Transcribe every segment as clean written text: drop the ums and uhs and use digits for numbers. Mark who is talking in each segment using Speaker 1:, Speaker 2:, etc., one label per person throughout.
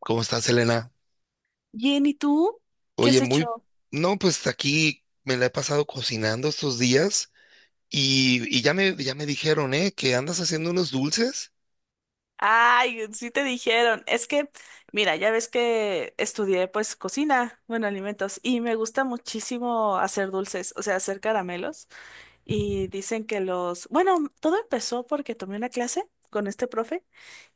Speaker 1: ¿Cómo estás, Elena?
Speaker 2: Bien, ¿y tú? ¿Qué
Speaker 1: Oye,
Speaker 2: has
Speaker 1: muy...
Speaker 2: hecho?
Speaker 1: No, pues aquí me la he pasado cocinando estos días y ya me dijeron, ¿eh? Que andas haciendo unos dulces.
Speaker 2: Ay, sí te dijeron. Es que, mira, ya ves que estudié pues cocina, bueno, alimentos, y me gusta muchísimo hacer dulces, o sea, hacer caramelos. Y dicen que los, bueno, todo empezó porque tomé una clase con este profe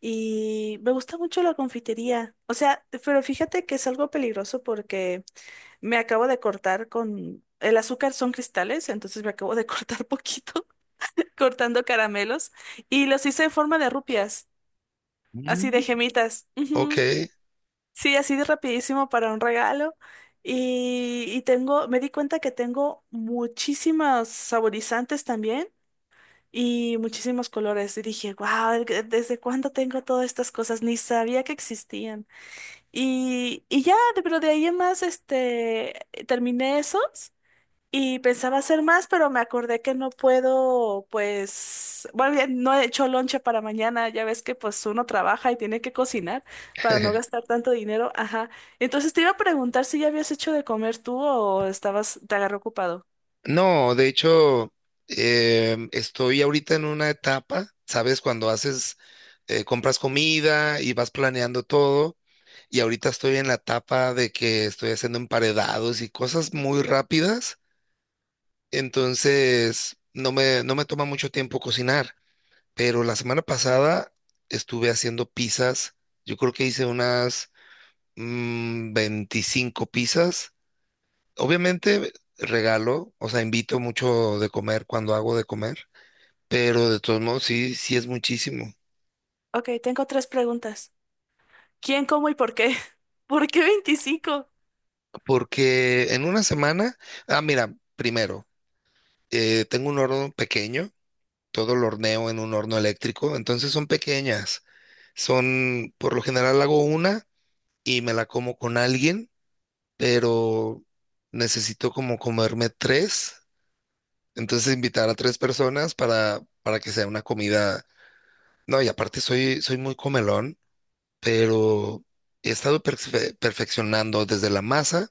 Speaker 2: y me gusta mucho la confitería. O sea, pero fíjate que es algo peligroso porque me acabo de cortar con... El azúcar son cristales, entonces me acabo de cortar poquito. Cortando caramelos y los hice en forma de rupias, así de
Speaker 1: Mm.
Speaker 2: gemitas. Ujú.
Speaker 1: Ok.
Speaker 2: Sí, así de rapidísimo para un regalo. Y tengo, me di cuenta que tengo muchísimos saborizantes también y muchísimos colores. Y dije, wow, ¿desde cuándo tengo todas estas cosas? Ni sabía que existían. Y ya, pero de ahí en más, este, terminé esos. Y pensaba hacer más, pero me acordé que no puedo, pues, bueno, ya no he hecho lonche para mañana, ya ves que pues uno trabaja y tiene que cocinar para no gastar tanto dinero, ajá. Entonces te iba a preguntar si ya habías hecho de comer tú o estabas, te agarró ocupado.
Speaker 1: No, de hecho, estoy ahorita en una etapa, ¿sabes? Cuando haces, compras comida y vas planeando todo. Y ahorita estoy en la etapa de que estoy haciendo emparedados y cosas muy rápidas. Entonces, no me toma mucho tiempo cocinar, pero la semana pasada estuve haciendo pizzas. Yo creo que hice unas 25 pizzas. Obviamente regalo, o sea, invito mucho de comer cuando hago de comer, pero de todos modos sí, sí es muchísimo.
Speaker 2: Ok, tengo tres preguntas. ¿Quién, cómo y por qué? ¿Por qué 25?
Speaker 1: Porque en una semana, ah, mira, primero, tengo un horno pequeño, todo lo horneo en un horno eléctrico, entonces son pequeñas. Son, por lo general hago una. Y me la como con alguien, pero necesito como comerme tres, entonces invitar a tres personas para que sea una comida. No, y aparte soy muy comelón, pero he estado perfeccionando desde la masa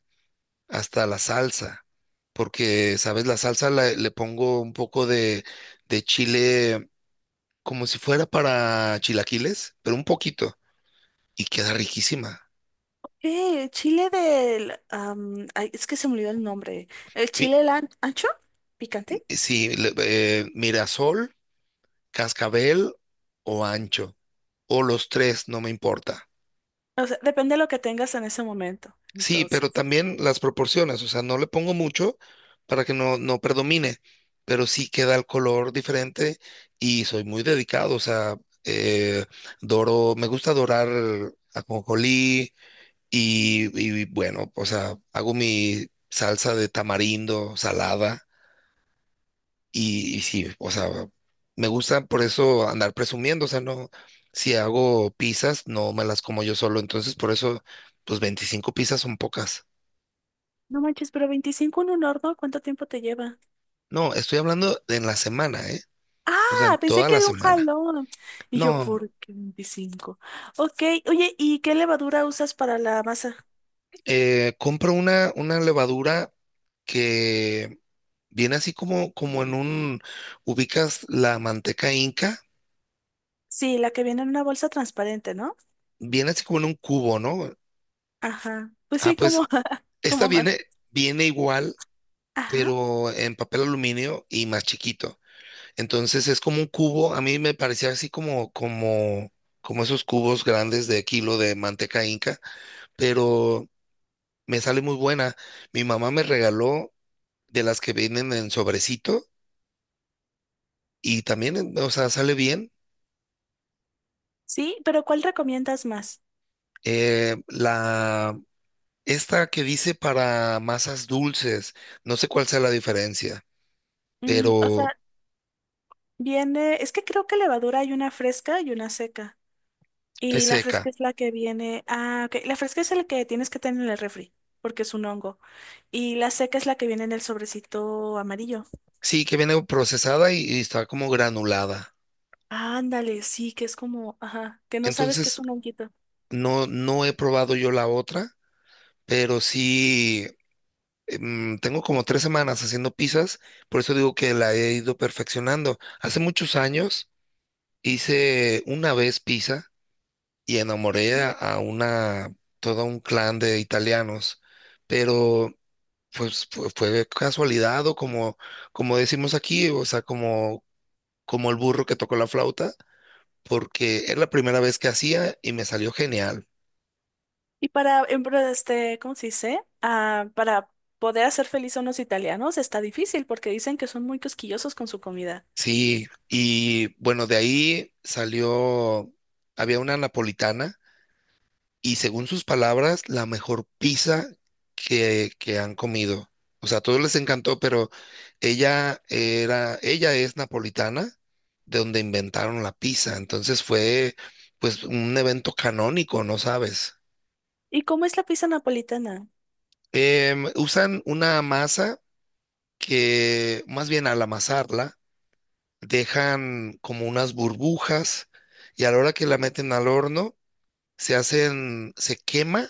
Speaker 1: hasta la salsa, porque, ¿sabes? La salsa le pongo un poco de chile como si fuera para chilaquiles, pero un poquito, y queda riquísima.
Speaker 2: ¿Qué? ¿Chile del... ay, es que se me olvidó el nombre. ¿El
Speaker 1: Mi-
Speaker 2: chile ancho? ¿Picante?
Speaker 1: Sí, Mirasol, cascabel o ancho, o los tres, no me importa.
Speaker 2: O sea, depende de lo que tengas en ese momento.
Speaker 1: Sí, pero
Speaker 2: Entonces,
Speaker 1: también las proporciones, o sea, no le pongo mucho para que no, no predomine, pero sí queda el color diferente y soy muy dedicado, o sea, eh, doro, me gusta dorar ajonjolí. Y, y bueno, o sea, hago mi salsa de tamarindo salada. Y sí, o sea, me gusta por eso andar presumiendo, o sea, no, si hago pizzas, no me las como yo solo, entonces por eso, pues 25 pizzas son pocas.
Speaker 2: no manches, pero 25 en un horno, ¿cuánto tiempo te lleva?
Speaker 1: No, estoy hablando de en la semana, ¿eh? O sea, en
Speaker 2: Ah, pensé
Speaker 1: toda
Speaker 2: que
Speaker 1: la
Speaker 2: de un
Speaker 1: semana.
Speaker 2: jalón. Y yo,
Speaker 1: No,
Speaker 2: ¿por qué 25? Ok, oye, ¿y qué levadura usas para la masa?
Speaker 1: compro una levadura que viene así como, como en ubicas la manteca inca,
Speaker 2: Sí, la que viene en una bolsa transparente, ¿no?
Speaker 1: viene así como en un cubo, ¿no?
Speaker 2: Ajá. Pues
Speaker 1: Ah,
Speaker 2: sí,
Speaker 1: pues
Speaker 2: como,
Speaker 1: esta
Speaker 2: como más.
Speaker 1: viene, viene igual,
Speaker 2: Ajá.
Speaker 1: pero en papel aluminio y más chiquito. Entonces es como un cubo, a mí me parecía así como esos cubos grandes de kilo de manteca inca, pero me sale muy buena. Mi mamá me regaló de las que vienen en sobrecito y también, o sea, sale bien.
Speaker 2: Sí, pero ¿cuál recomiendas más?
Speaker 1: Eh, la, esta que dice para masas dulces, no sé cuál sea la diferencia,
Speaker 2: Mm, o
Speaker 1: pero
Speaker 2: sea, viene, es que creo que levadura hay una fresca y una seca.
Speaker 1: es
Speaker 2: Y la fresca
Speaker 1: seca.
Speaker 2: es la que viene. Ah, ok. La fresca es la que tienes que tener en el refri, porque es un hongo. Y la seca es la que viene en el sobrecito amarillo.
Speaker 1: Sí, que viene procesada y está como granulada.
Speaker 2: Ándale, sí, que es como, ajá, que no sabes que es
Speaker 1: Entonces,
Speaker 2: un honguito.
Speaker 1: no he probado yo la otra, pero sí, tengo como 3 semanas haciendo pizzas, por eso digo que la he ido perfeccionando. Hace muchos años hice una vez pizza y enamoré a todo un clan de italianos, pero pues fue casualidad o como, como decimos aquí, o sea, como, como el burro que tocó la flauta, porque era la primera vez que hacía y me salió genial.
Speaker 2: Y para, este, ¿cómo se dice? Ah, para poder hacer feliz a unos italianos está difícil porque dicen que son muy cosquillosos con su comida.
Speaker 1: Sí, y bueno, de ahí salió, había una napolitana y según sus palabras, la mejor pizza que han comido. O sea, a todos les encantó, pero ella era, ella es napolitana, de donde inventaron la pizza. Entonces fue pues un evento canónico, ¿no sabes?
Speaker 2: ¿Y cómo es la pizza napolitana?
Speaker 1: Usan una masa más bien al amasarla, dejan como unas burbujas, y a la hora que la meten al horno, se hacen, se quema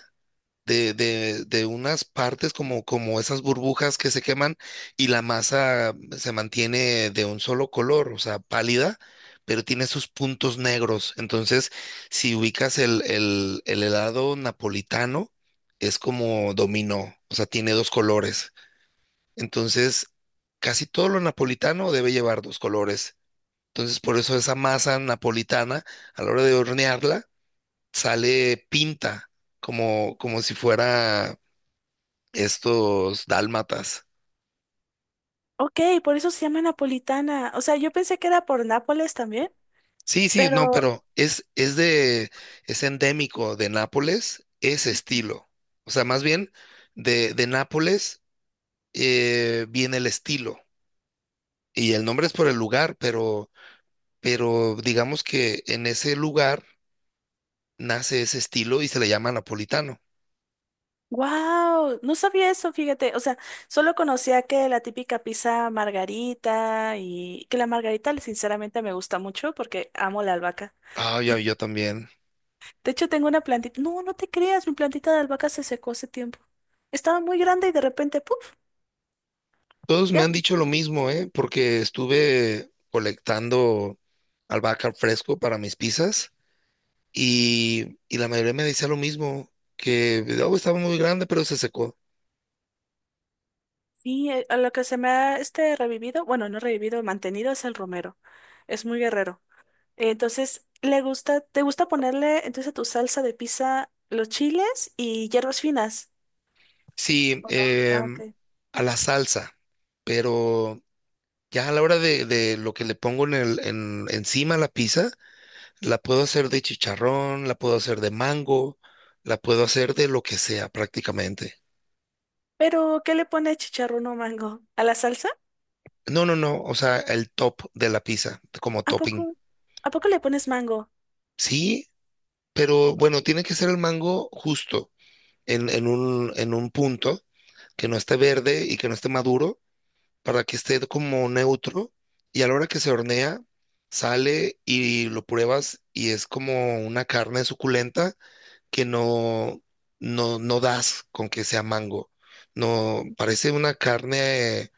Speaker 1: de unas partes como, como esas burbujas que se queman, y la masa se mantiene de un solo color, o sea, pálida, pero tiene sus puntos negros. Entonces, si ubicas el helado napolitano, es como dominó, o sea, tiene dos colores. Entonces, casi todo lo napolitano debe llevar dos colores. Entonces, por eso esa masa napolitana, a la hora de hornearla, sale pinta, como, como si fuera estos dálmatas.
Speaker 2: Ok, por eso se llama napolitana. O sea, yo pensé que era por Nápoles también,
Speaker 1: Sí, sí, no,
Speaker 2: pero
Speaker 1: pero es endémico de Nápoles, ese estilo. O sea, más bien de Nápoles viene el estilo. Y el nombre es por el lugar, pero digamos que en ese lugar nace ese estilo y se le llama napolitano.
Speaker 2: wow, no sabía eso, fíjate. O sea, solo conocía que la típica pizza margarita y que la margarita sinceramente me gusta mucho porque amo la albahaca.
Speaker 1: Ah, ya, yo también.
Speaker 2: De hecho, tengo una plantita. No, no te creas, mi plantita de albahaca se secó hace tiempo. Estaba muy grande y de repente, ¡puf!
Speaker 1: Todos me
Speaker 2: Ya.
Speaker 1: han dicho lo mismo, ¿eh? Porque estuve colectando albahaca fresco para mis pizzas, y la mayoría me decía lo mismo, que "Oh, estaba muy grande, pero se secó".
Speaker 2: Sí, a lo que se me ha este revivido, bueno, no revivido, mantenido es el romero. Es muy guerrero. Entonces, le gusta, ¿te gusta ponerle entonces a tu salsa de pizza los chiles y hierbas finas?
Speaker 1: Sí,
Speaker 2: ¿O no? Ah, ok.
Speaker 1: a la salsa, pero ya a la hora de lo que le pongo en encima a la pizza, la puedo hacer de chicharrón, la puedo hacer de mango, la puedo hacer de lo que sea prácticamente.
Speaker 2: Pero, ¿qué le pone chicharrón o mango? ¿A la salsa?
Speaker 1: No, no, no, o sea, el top de la pizza como
Speaker 2: ¿A
Speaker 1: topping.
Speaker 2: poco? ¿A poco le pones mango?
Speaker 1: Sí, pero bueno, tiene que ser el mango justo en un punto que no esté verde y que no esté maduro para que esté como neutro. Y a la hora que se hornea, sale y lo pruebas y es como una carne suculenta que no, no, no das con que sea mango. No, parece una carne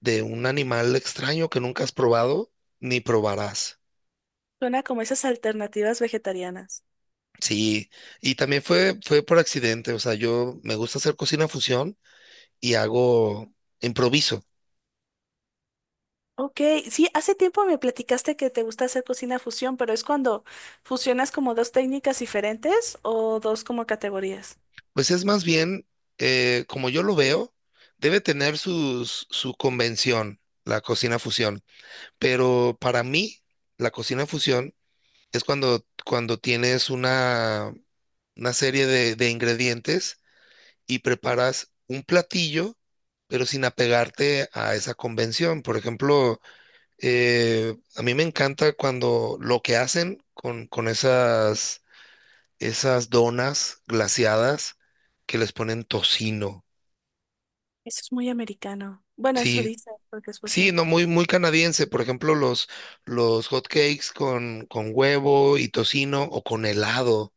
Speaker 1: de un animal extraño que nunca has probado ni probarás.
Speaker 2: Suena como esas alternativas vegetarianas.
Speaker 1: Sí, y también fue por accidente, o sea, yo me gusta hacer cocina fusión y hago improviso.
Speaker 2: Ok, sí, hace tiempo me platicaste que te gusta hacer cocina fusión, pero es cuando fusionas como dos técnicas diferentes o dos como categorías.
Speaker 1: Pues es más bien, como yo lo veo, debe tener su convención, la cocina fusión. Pero para mí, la cocina fusión es cuando, cuando tienes una serie de ingredientes y preparas un platillo, pero sin apegarte a esa convención. Por ejemplo, a mí me encanta cuando lo que hacen con esas donas glaseadas que les ponen tocino.
Speaker 2: Eso es muy americano. Bueno, eso
Speaker 1: Sí,
Speaker 2: dice, porque es
Speaker 1: sí,
Speaker 2: fusión.
Speaker 1: no, muy, muy canadiense. Por ejemplo, los hot cakes con huevo y tocino o con helado.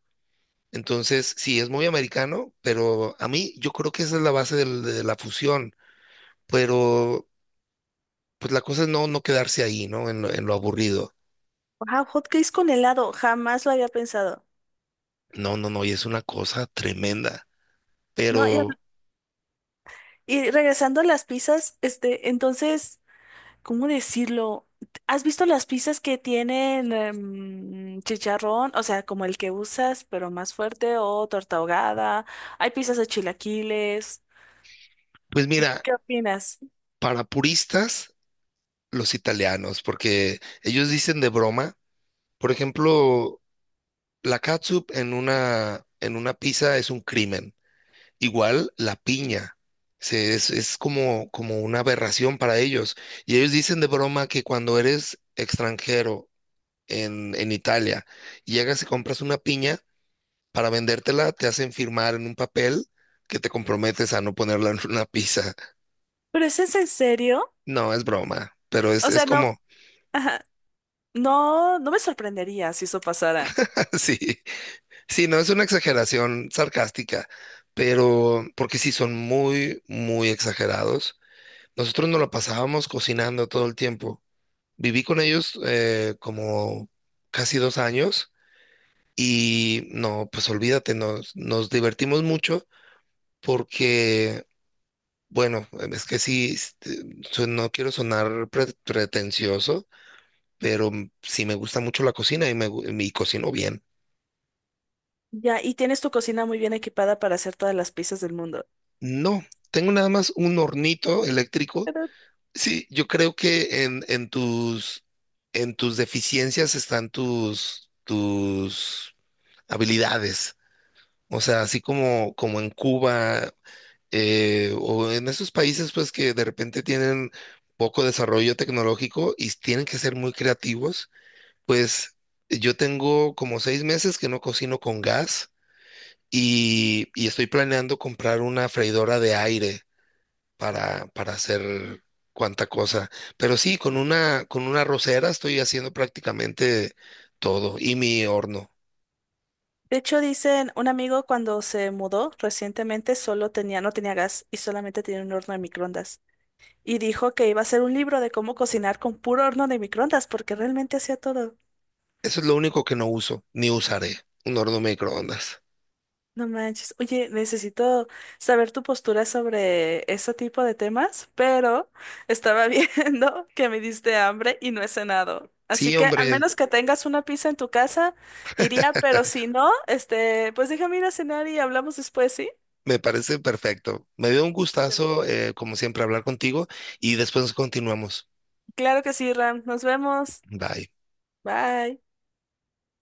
Speaker 1: Entonces, sí, es muy americano, pero a mí yo creo que esa es la base de la fusión. Pero, pues la cosa es no, no quedarse ahí, ¿no? En lo aburrido.
Speaker 2: Wow, hot cakes con helado, jamás lo había pensado.
Speaker 1: No, no, no, y es una cosa tremenda.
Speaker 2: No, y,
Speaker 1: Pero,
Speaker 2: y regresando a las pizzas, este, entonces, ¿cómo decirlo? ¿Has visto las pizzas que tienen em, chicharrón? O sea, como el que usas, pero más fuerte, o torta ahogada. Hay pizzas de chilaquiles.
Speaker 1: pues mira,
Speaker 2: ¿Qué opinas?
Speaker 1: para puristas, los italianos, porque ellos dicen de broma. Por ejemplo, la catsup en una pizza es un crimen. Igual la piña. Es como, como una aberración para ellos. Y ellos dicen de broma que cuando eres extranjero en Italia y llegas y compras una piña, para vendértela te hacen firmar en un papel que te comprometes a no ponerla en una pizza.
Speaker 2: ¿Pero eso es en serio?
Speaker 1: No, es broma, pero es,
Speaker 2: O
Speaker 1: es
Speaker 2: sea, no,
Speaker 1: como,
Speaker 2: ajá, no, no me sorprendería si eso pasara.
Speaker 1: sí. Sí, no es una exageración sarcástica, pero porque sí son muy, muy exagerados. Nosotros nos la pasábamos cocinando todo el tiempo. Viví con ellos como casi 2 años, y no, pues olvídate, nos divertimos mucho porque, bueno, es que sí, no quiero sonar pretencioso, pero sí me gusta mucho la cocina y y cocino bien.
Speaker 2: Ya, y tienes tu cocina muy bien equipada para hacer todas las pizzas del mundo.
Speaker 1: No, tengo nada más un hornito eléctrico. Sí, yo creo que en tus deficiencias están tus habilidades. O sea, así como, como en Cuba o en esos países pues que de repente tienen poco desarrollo tecnológico y tienen que ser muy creativos, pues yo tengo como 6 meses que no cocino con gas, y estoy planeando comprar una freidora de aire para hacer cuanta cosa. Pero sí, con una rosera estoy haciendo prácticamente todo. Y mi horno.
Speaker 2: De hecho, dicen, un amigo cuando se mudó recientemente solo tenía, no tenía gas y solamente tenía un horno de microondas. Y dijo que iba a hacer un libro de cómo cocinar con puro horno de microondas, porque realmente hacía todo.
Speaker 1: Eso es lo único que no uso, ni usaré. Un horno microondas.
Speaker 2: No manches. Oye, necesito saber tu postura sobre ese tipo de temas, pero estaba viendo que me diste hambre y no he cenado. Así
Speaker 1: Sí,
Speaker 2: que al
Speaker 1: hombre,
Speaker 2: menos que tengas una pizza en tu casa, iría, pero si no, este, pues déjame ir a cenar y hablamos después, ¿sí?
Speaker 1: me parece perfecto. Me dio un gustazo, como siempre, hablar contigo y después continuamos.
Speaker 2: Claro que sí, Ram. Nos vemos.
Speaker 1: Bye.
Speaker 2: Bye.